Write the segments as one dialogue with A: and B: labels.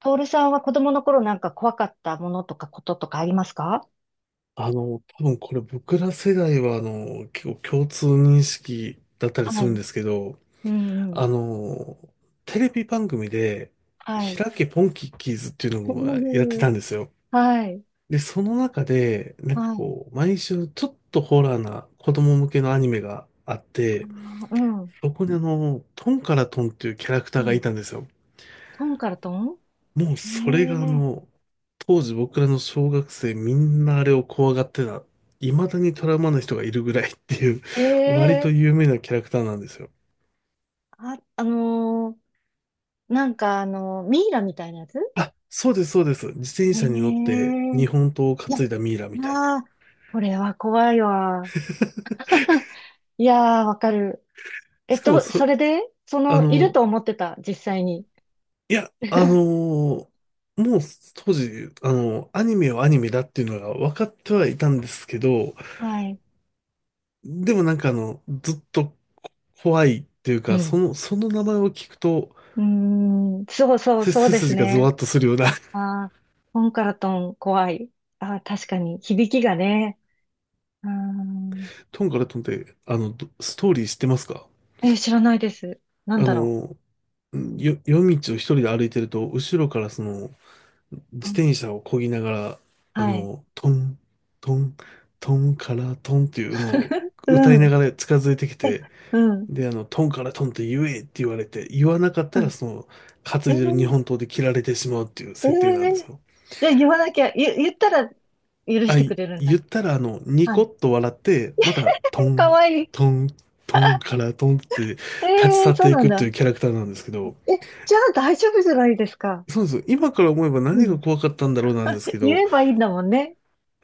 A: トールさんは子供の頃なんか怖かったものとかこととかありますか？
B: 多分これ僕ら世代は、結構共通認識だったり
A: は
B: するん
A: い。
B: ですけど、
A: うんう
B: あ
A: ん。
B: の、テレビ番組で、
A: はい。
B: 開けポンキッキーズっていうのもやってた んですよ。
A: はい。
B: で、その中で、なんか
A: はい。
B: こう、毎週ちょっとホラーな子供向けのアニメがあっ
A: あ
B: て、
A: ーうん。
B: そこにトンからトンっていうキャラクタ
A: う
B: ーがい
A: ん。
B: たんですよ。
A: トンからトン。
B: もうそれが
A: え
B: 当時僕らの小学生みんなあれを怖がってた。未だにトラウマな人がいるぐらいっていう、
A: え
B: 割と
A: ええ
B: 有名なキャラクターなんですよ。
A: あ、なんかミイラみたいなやつ？
B: あ、そうです、そうです。自転
A: え
B: 車に乗って
A: え
B: 日本刀を
A: いや、
B: 担いだミイラみたいな。
A: ああ、これは怖いわ。いやー、わかる。
B: しかも
A: そ
B: そ、
A: れで、
B: あ
A: いる
B: の、
A: と思ってた、実際に。
B: いや、あの ーもう当時、アニメはアニメだっていうのが分かってはいたんですけど、
A: はい。
B: でもなんかずっとこ怖いっていう
A: う
B: か、そ
A: ん。
B: の、その名前を聞くと、
A: うーん、そうそう、
B: せ
A: そう
B: 背
A: です
B: 筋がゾ
A: ね。
B: ワッとするような
A: ああ、トンカラトン怖い。ああ、確かに、響きがね。うーん、
B: トンからトンって、ストーリー知ってますか？
A: え、知らないです。なん
B: あ
A: だろ
B: の、んよ、夜道を一人で歩いてると、後ろから
A: う。
B: 自
A: うん、
B: 転車を漕ぎながら、
A: はい。
B: トン、トン、トンからトンっていうのを 歌
A: う
B: いな
A: ん。
B: がら近づいてき
A: え、
B: て、
A: うん。
B: で、トンからトンって言えって言われて、言わなかっ
A: う
B: たら
A: ん。
B: 担
A: え
B: いでる日
A: ー、
B: 本刀で切られてしまうっていう
A: え
B: 設定なんです
A: ー、
B: よ。
A: じゃあ言わなきゃ、言ったら許し
B: あ、
A: てく
B: い
A: れるん
B: 言
A: だ。
B: ったら、ニ
A: は
B: コ
A: い。
B: ッと笑って、また、ト
A: か
B: ン、
A: わいい。
B: トン、トン からトンって
A: え
B: 立ち
A: え
B: 去
A: ー、
B: っ
A: そう
B: てい
A: なん
B: くって
A: だ。
B: いうキャラクターなんですけど、
A: え、じゃあ大丈夫じゃないですか？
B: そうです。今から思えば
A: う
B: 何が
A: ん。
B: 怖かったんだろうなんです けど、
A: 言えばいいんだもんね。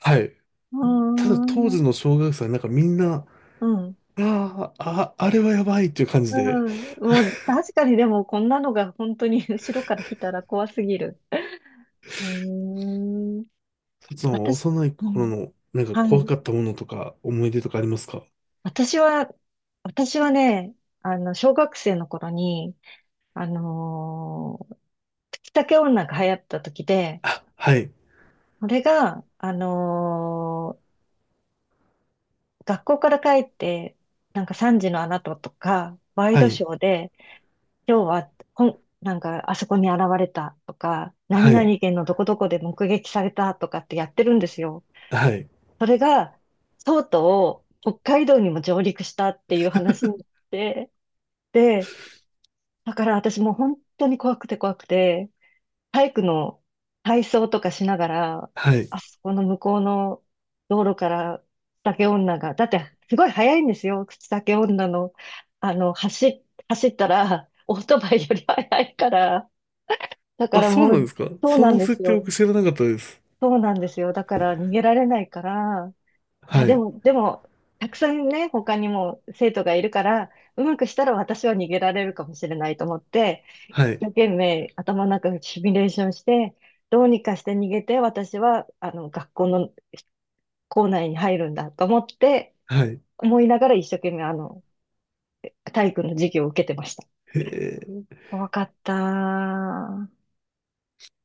B: はい。
A: うー
B: ただ当時の
A: ん。
B: 小学生はなんかみんな、
A: うん。
B: あれはやばいっていう感じ
A: う
B: で、
A: ん。もう、確かにでも、こんなのが本当に 後ろから来たら怖すぎる。うーん。
B: その
A: 私、
B: 幼い
A: う
B: 頃
A: ん、
B: のなんか
A: は
B: 怖
A: い。
B: かったものとか思い出とかありますか？
A: 私は、私はね、小学生の頃に、あのー、月竹女が流行った時で、
B: あ、はい、
A: これが、学校から帰って、なんか3時のあなたとか、ワイ
B: は
A: ドシ
B: い、
A: ョーで、今日は、なんか、あそこに現れたとか、何
B: はい、
A: 々県のどこどこで目撃されたとかってやってるんですよ。
B: はい、
A: それが、とうとう北海道にも上陸したっていう話になって、で、だから私もう本当に怖くて怖くて、体育の体操とかしながら、
B: はい。
A: あそこの向こうの道路から酒女が、だってすごい速いんですよ、口酒女の、あの、走っ、走ったら、オートバイより速いから、だか
B: あ、
A: ら
B: そう
A: も
B: なん
A: う、
B: ですか？
A: そう
B: そ
A: なん
B: の
A: で
B: 設
A: す
B: 定
A: よ。
B: 僕知らなかったです。
A: そうなんですよ。だから逃げられないから、い
B: は
A: や、で
B: い。
A: も、でも、たくさんね、他にも生徒がいるから、うまくしたら私は逃げられるかもしれないと思って、一
B: はい。
A: 生懸命頭の中でシミュレーションして、どうにかして逃げて、私は、学校の校内に入るんだと思って、
B: はい。
A: 思いながら一生懸命、体育の授業を受けてました。
B: へえ。い
A: 怖かった。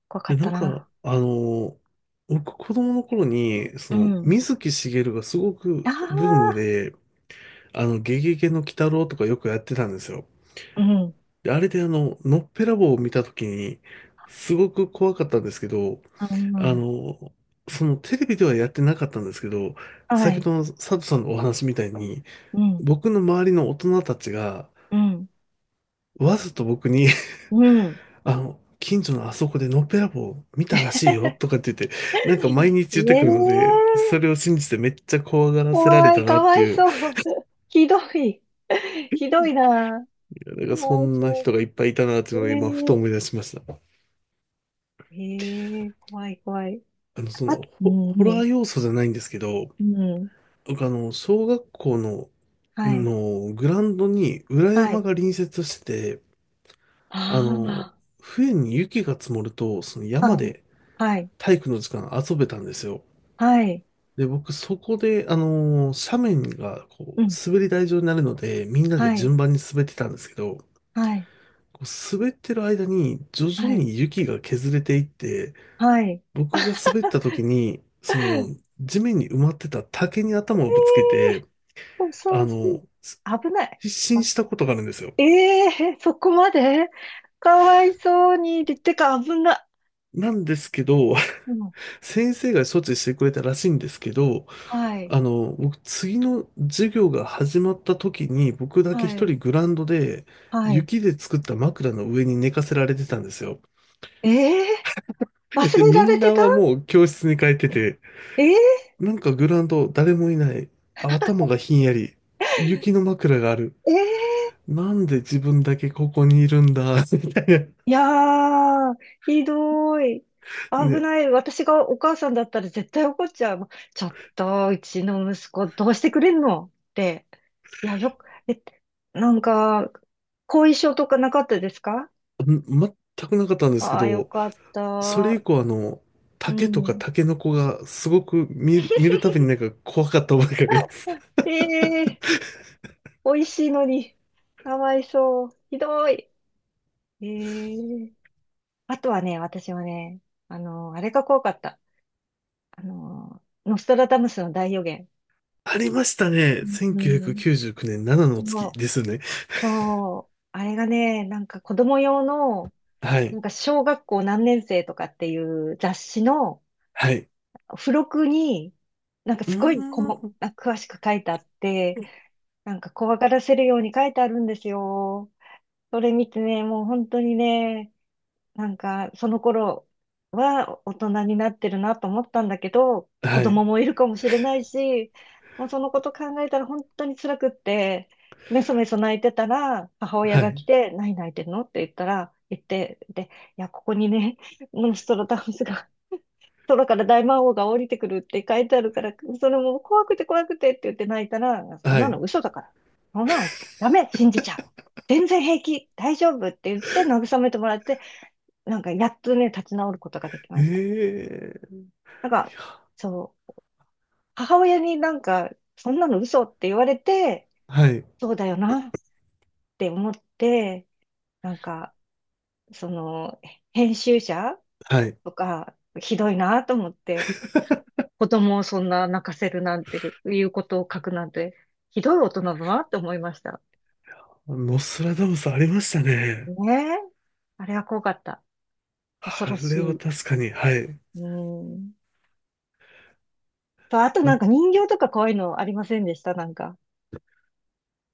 A: 怖か
B: や
A: っ
B: な
A: た
B: んか、
A: な。
B: 僕子供の頃に、
A: うん。
B: 水木しげるがすご
A: あ
B: くブーム
A: あ、
B: で、ゲゲゲの鬼太郎とかよくやってたんですよ。
A: うん。
B: であれでのっぺらぼうを見た時に、すごく怖かったんですけど、あ
A: あ
B: の、そのテレビではやってなかったんですけど、
A: あ、は
B: 先ほ
A: い。
B: どの佐藤さんのお話みたいに、
A: うん、
B: 僕の周りの大人たちが、
A: うん、
B: わざと僕に
A: うん。
B: 近所のあそこでのっぺらぼう見たらしいよとかっ て言って、なんか毎日言ってくるので、
A: ええ
B: それを信じてめっちゃ怖がらせられ
A: 怖い、
B: たな
A: か
B: っ
A: わ
B: て
A: い
B: いう、い
A: そう。ひどい。ひどいな。
B: やなん
A: か
B: かそ
A: わい
B: んな
A: そ
B: 人がいっぱいいたなってい
A: う。
B: うのが今ふと
A: え
B: 思い出しました。
A: えええ怖い、怖い。あ、うん、
B: ホラ
A: う
B: ー
A: ん、
B: 要素じゃないんですけど、
A: うん。
B: 僕小学校の、
A: はい、
B: のグラウンドに裏
A: は
B: 山
A: い。
B: が隣接してて、あの、
A: あ
B: 冬に雪が積もると、その
A: あ、
B: 山
A: はい、
B: で
A: はい、
B: 体育の時間遊べたんですよ。
A: はい、
B: で、僕、そこで、斜面が、こ
A: う
B: う、
A: ん、
B: 滑り台状になるので、みんな
A: は
B: で
A: い、
B: 順番に滑ってたんですけど、
A: はい、
B: こう滑ってる間に、徐
A: は
B: 々
A: い、
B: に雪が削れていって、
A: はい。
B: 僕が滑った時に、地面に埋まってた竹に頭をぶつけて、
A: そうそ
B: あ
A: うそ
B: の、す
A: う。危ない。
B: 失神したことがあるんですよ。
A: ええそこまでかわいそうに。でてか、危な。
B: なんですけど、
A: うん。
B: 先生が処置してくれたらしいんですけど、
A: はい。
B: 僕、次の授業が始まった時に、僕だけ
A: は
B: 一
A: い。
B: 人グラウンドで、
A: はい。
B: 雪で作った枕の上に寝かせられてたんですよ。
A: ええ 忘
B: で、
A: れ
B: み
A: られ
B: ん
A: て
B: な
A: た
B: はもう教室に帰ってて、
A: ええ
B: なんかグラウンド誰もいない。あ、頭がひんやり。雪の枕がある。
A: ええ
B: なんで自分だけここにいるんだ、みたいな。
A: いやー、ひどい。危
B: ね、
A: ない。私がお母さんだったら絶対怒っちゃう。ちょっと、うちの息子どうしてくれんのって。いや、よく、え、なんか、後遺症とかなかったですか？
B: ん全くなかったんですけ
A: ああー、よ
B: ど、
A: かっ
B: それ以
A: た。
B: 降
A: う
B: 竹とか
A: ん。
B: タケノコがすごく見るたびになんか怖かった覚えがあります。
A: ええ美味しいのに、かわいそう。ひどい。ええあとはね、私はね、あれが怖かった。ノストラダムスの大予言。
B: ありましたね。
A: うん。
B: 1999年7の
A: そ
B: 月
A: う、
B: ですね。
A: そう、あれがね、なんか子供用の、
B: は
A: な
B: い。
A: んか小学校何年生とかっていう雑誌の
B: はい。
A: 付録に、なんか
B: う
A: すごい
B: ーん。
A: あ、詳しく書いてあって、なんか怖がらせるように書いてあるんですよ。それ見てね、もう本当にね、なんか、その頃は大人になってるなと思ったんだけど、子
B: はい。
A: 供もいるかもしれないし、もうそのこと考えたら本当に辛くって、めそめそ泣いてたら、母親
B: は
A: が
B: い。
A: 来て、何泣いてるのって言ったら、言って、で、いや、ここにね、モンストロダウンスが、空から大魔王が降りてくるって書いてあるから、それも怖くて怖くてって言って泣いたら、そん
B: は
A: な
B: い。
A: の嘘だから。そんなのダメ、信じちゃう。全然平気、大丈夫って言って慰めてもらって、なんか、やっとね、立ち直ることができ
B: え
A: ました。
B: え、
A: なん
B: い
A: か、
B: や、
A: そう、母親になんか、そんなの嘘って言われて、
B: はい。
A: そうだよなって思って、なんか、その、編集者
B: はい。
A: とか、ひどいなと思って、子供をそんな泣かせるなんていうことを書くなんて、ひどい大人だなって思いました。
B: ノストラダムスありましたね。
A: ねえ。あれは怖かった。恐
B: あ
A: ろし
B: れは
A: い。
B: 確かに、はい。
A: うん。と、あとなん
B: な
A: か人形とか怖いのありませんでしたなんか？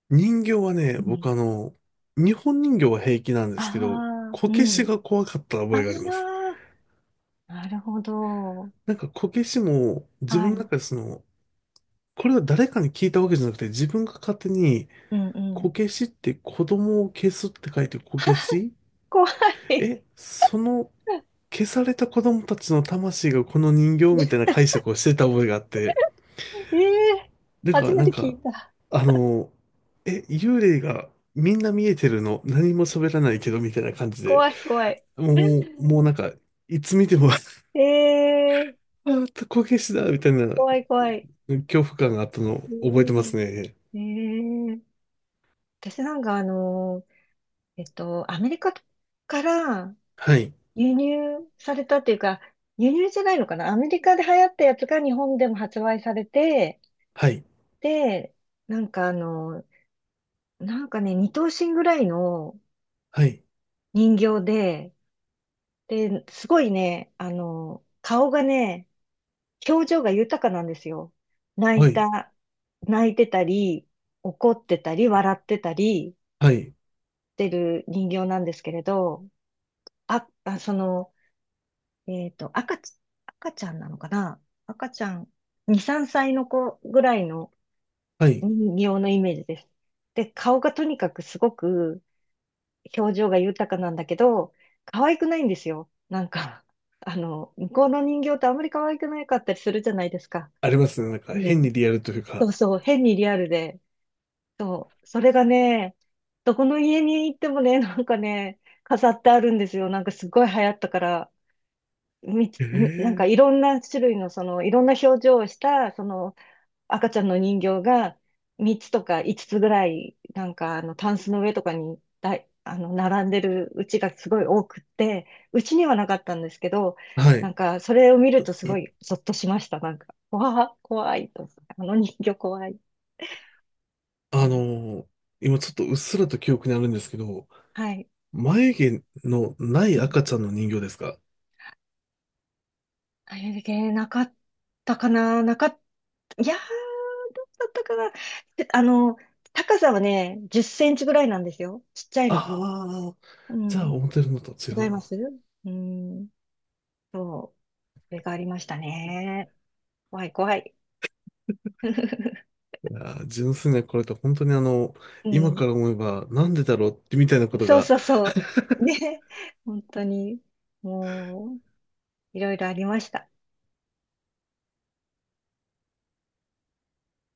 B: 人形はね、
A: うん
B: 僕日本人形は平気なんですけど、
A: ああ、
B: こ
A: う
B: けし
A: ん。
B: が怖かった
A: あ
B: 覚えがあります。
A: あ、なるほど。
B: なんかこけしも自
A: は
B: 分の
A: い。
B: 中でこれは誰かに聞いたわけじゃなくて自分が勝手に
A: うんう
B: こ
A: ん。
B: けしって子供を消すって書いてこけし、
A: 怖い。
B: その 消された子供たちの魂がこの人形みたいな解釈をしてた覚えがあって。
A: ええ
B: だか
A: 初
B: ら
A: め
B: な
A: て
B: ん
A: 聞
B: か、
A: いた。
B: あの、幽霊がみんな見えてるの何も喋らないけどみたいな感じで、
A: 怖い、怖い。
B: もうなん か、いつ見ても
A: ええ
B: こけしだみたいな
A: 怖い、怖い。
B: 恐怖感があったの
A: え
B: を覚えてますね。
A: えええ私なんかアメリカから
B: はい、
A: 輸入されたっていうか、輸入じゃないのかなアメリカで流行ったやつが日本でも発売されて、
B: はい、
A: で、なんかなんかね、二頭身ぐらいの
B: はい、
A: 人形で、で、すごいね、顔がね、表情が豊かなんですよ。泣
B: は
A: い
B: い、
A: た、泣いてたり、怒ってたり、笑ってたり
B: はい、
A: してる人形なんですけれど、あ、あ、その、えっと、赤ち、赤ちゃんなのかな赤ちゃん、2、3歳の子ぐらいの
B: はい。
A: 人形のイメージです。で、顔がとにかくすごく表情が豊かなんだけど、可愛くないんですよ。なんか、向こうの人形ってあんまり可愛くなかったりするじゃないですか。
B: ありますね。なんか
A: う
B: 変
A: ん。
B: にリアルという
A: そ
B: か。
A: うそう、変にリアルで。そう、それがね、どこの家に行ってもね、なんかね、飾ってあるんですよ。なんかすごい流行ったから、なんか
B: え
A: い
B: え、
A: ろんな種類の、その、いろんな表情をした、その、赤ちゃんの人形が3つとか5つつぐらい、なんかタンスの上とかにだい、あの、並んでるうちがすごい多くって、うちにはなかったんですけど、
B: は
A: な
B: い。
A: んか、それを見るとすごいゾッとしました。なんか、わあ、怖いと思って。あの人形怖い。え
B: あ
A: ー
B: の今ちょっとうっすらと記憶にあるんですけど、
A: はい。
B: 眉毛のない
A: うん
B: 赤ちゃんの人形ですか？
A: あれだけなかったかな、なかった、いやー、だったかな。で高さはね、10センチぐらいなんですよ。ちっちゃい
B: あ
A: の。
B: あー、
A: う
B: じゃあ
A: ん。
B: 思ってるのと違
A: 違い
B: う
A: ま
B: な。
A: すうん。そう。それがありましたね。怖い怖い。
B: いやー純粋なこれと本当に
A: う
B: 今
A: ん。
B: から思えばなんでだろうってみたいなこと
A: そう
B: が
A: そうそう。ね。本当に、もう、いろいろありました。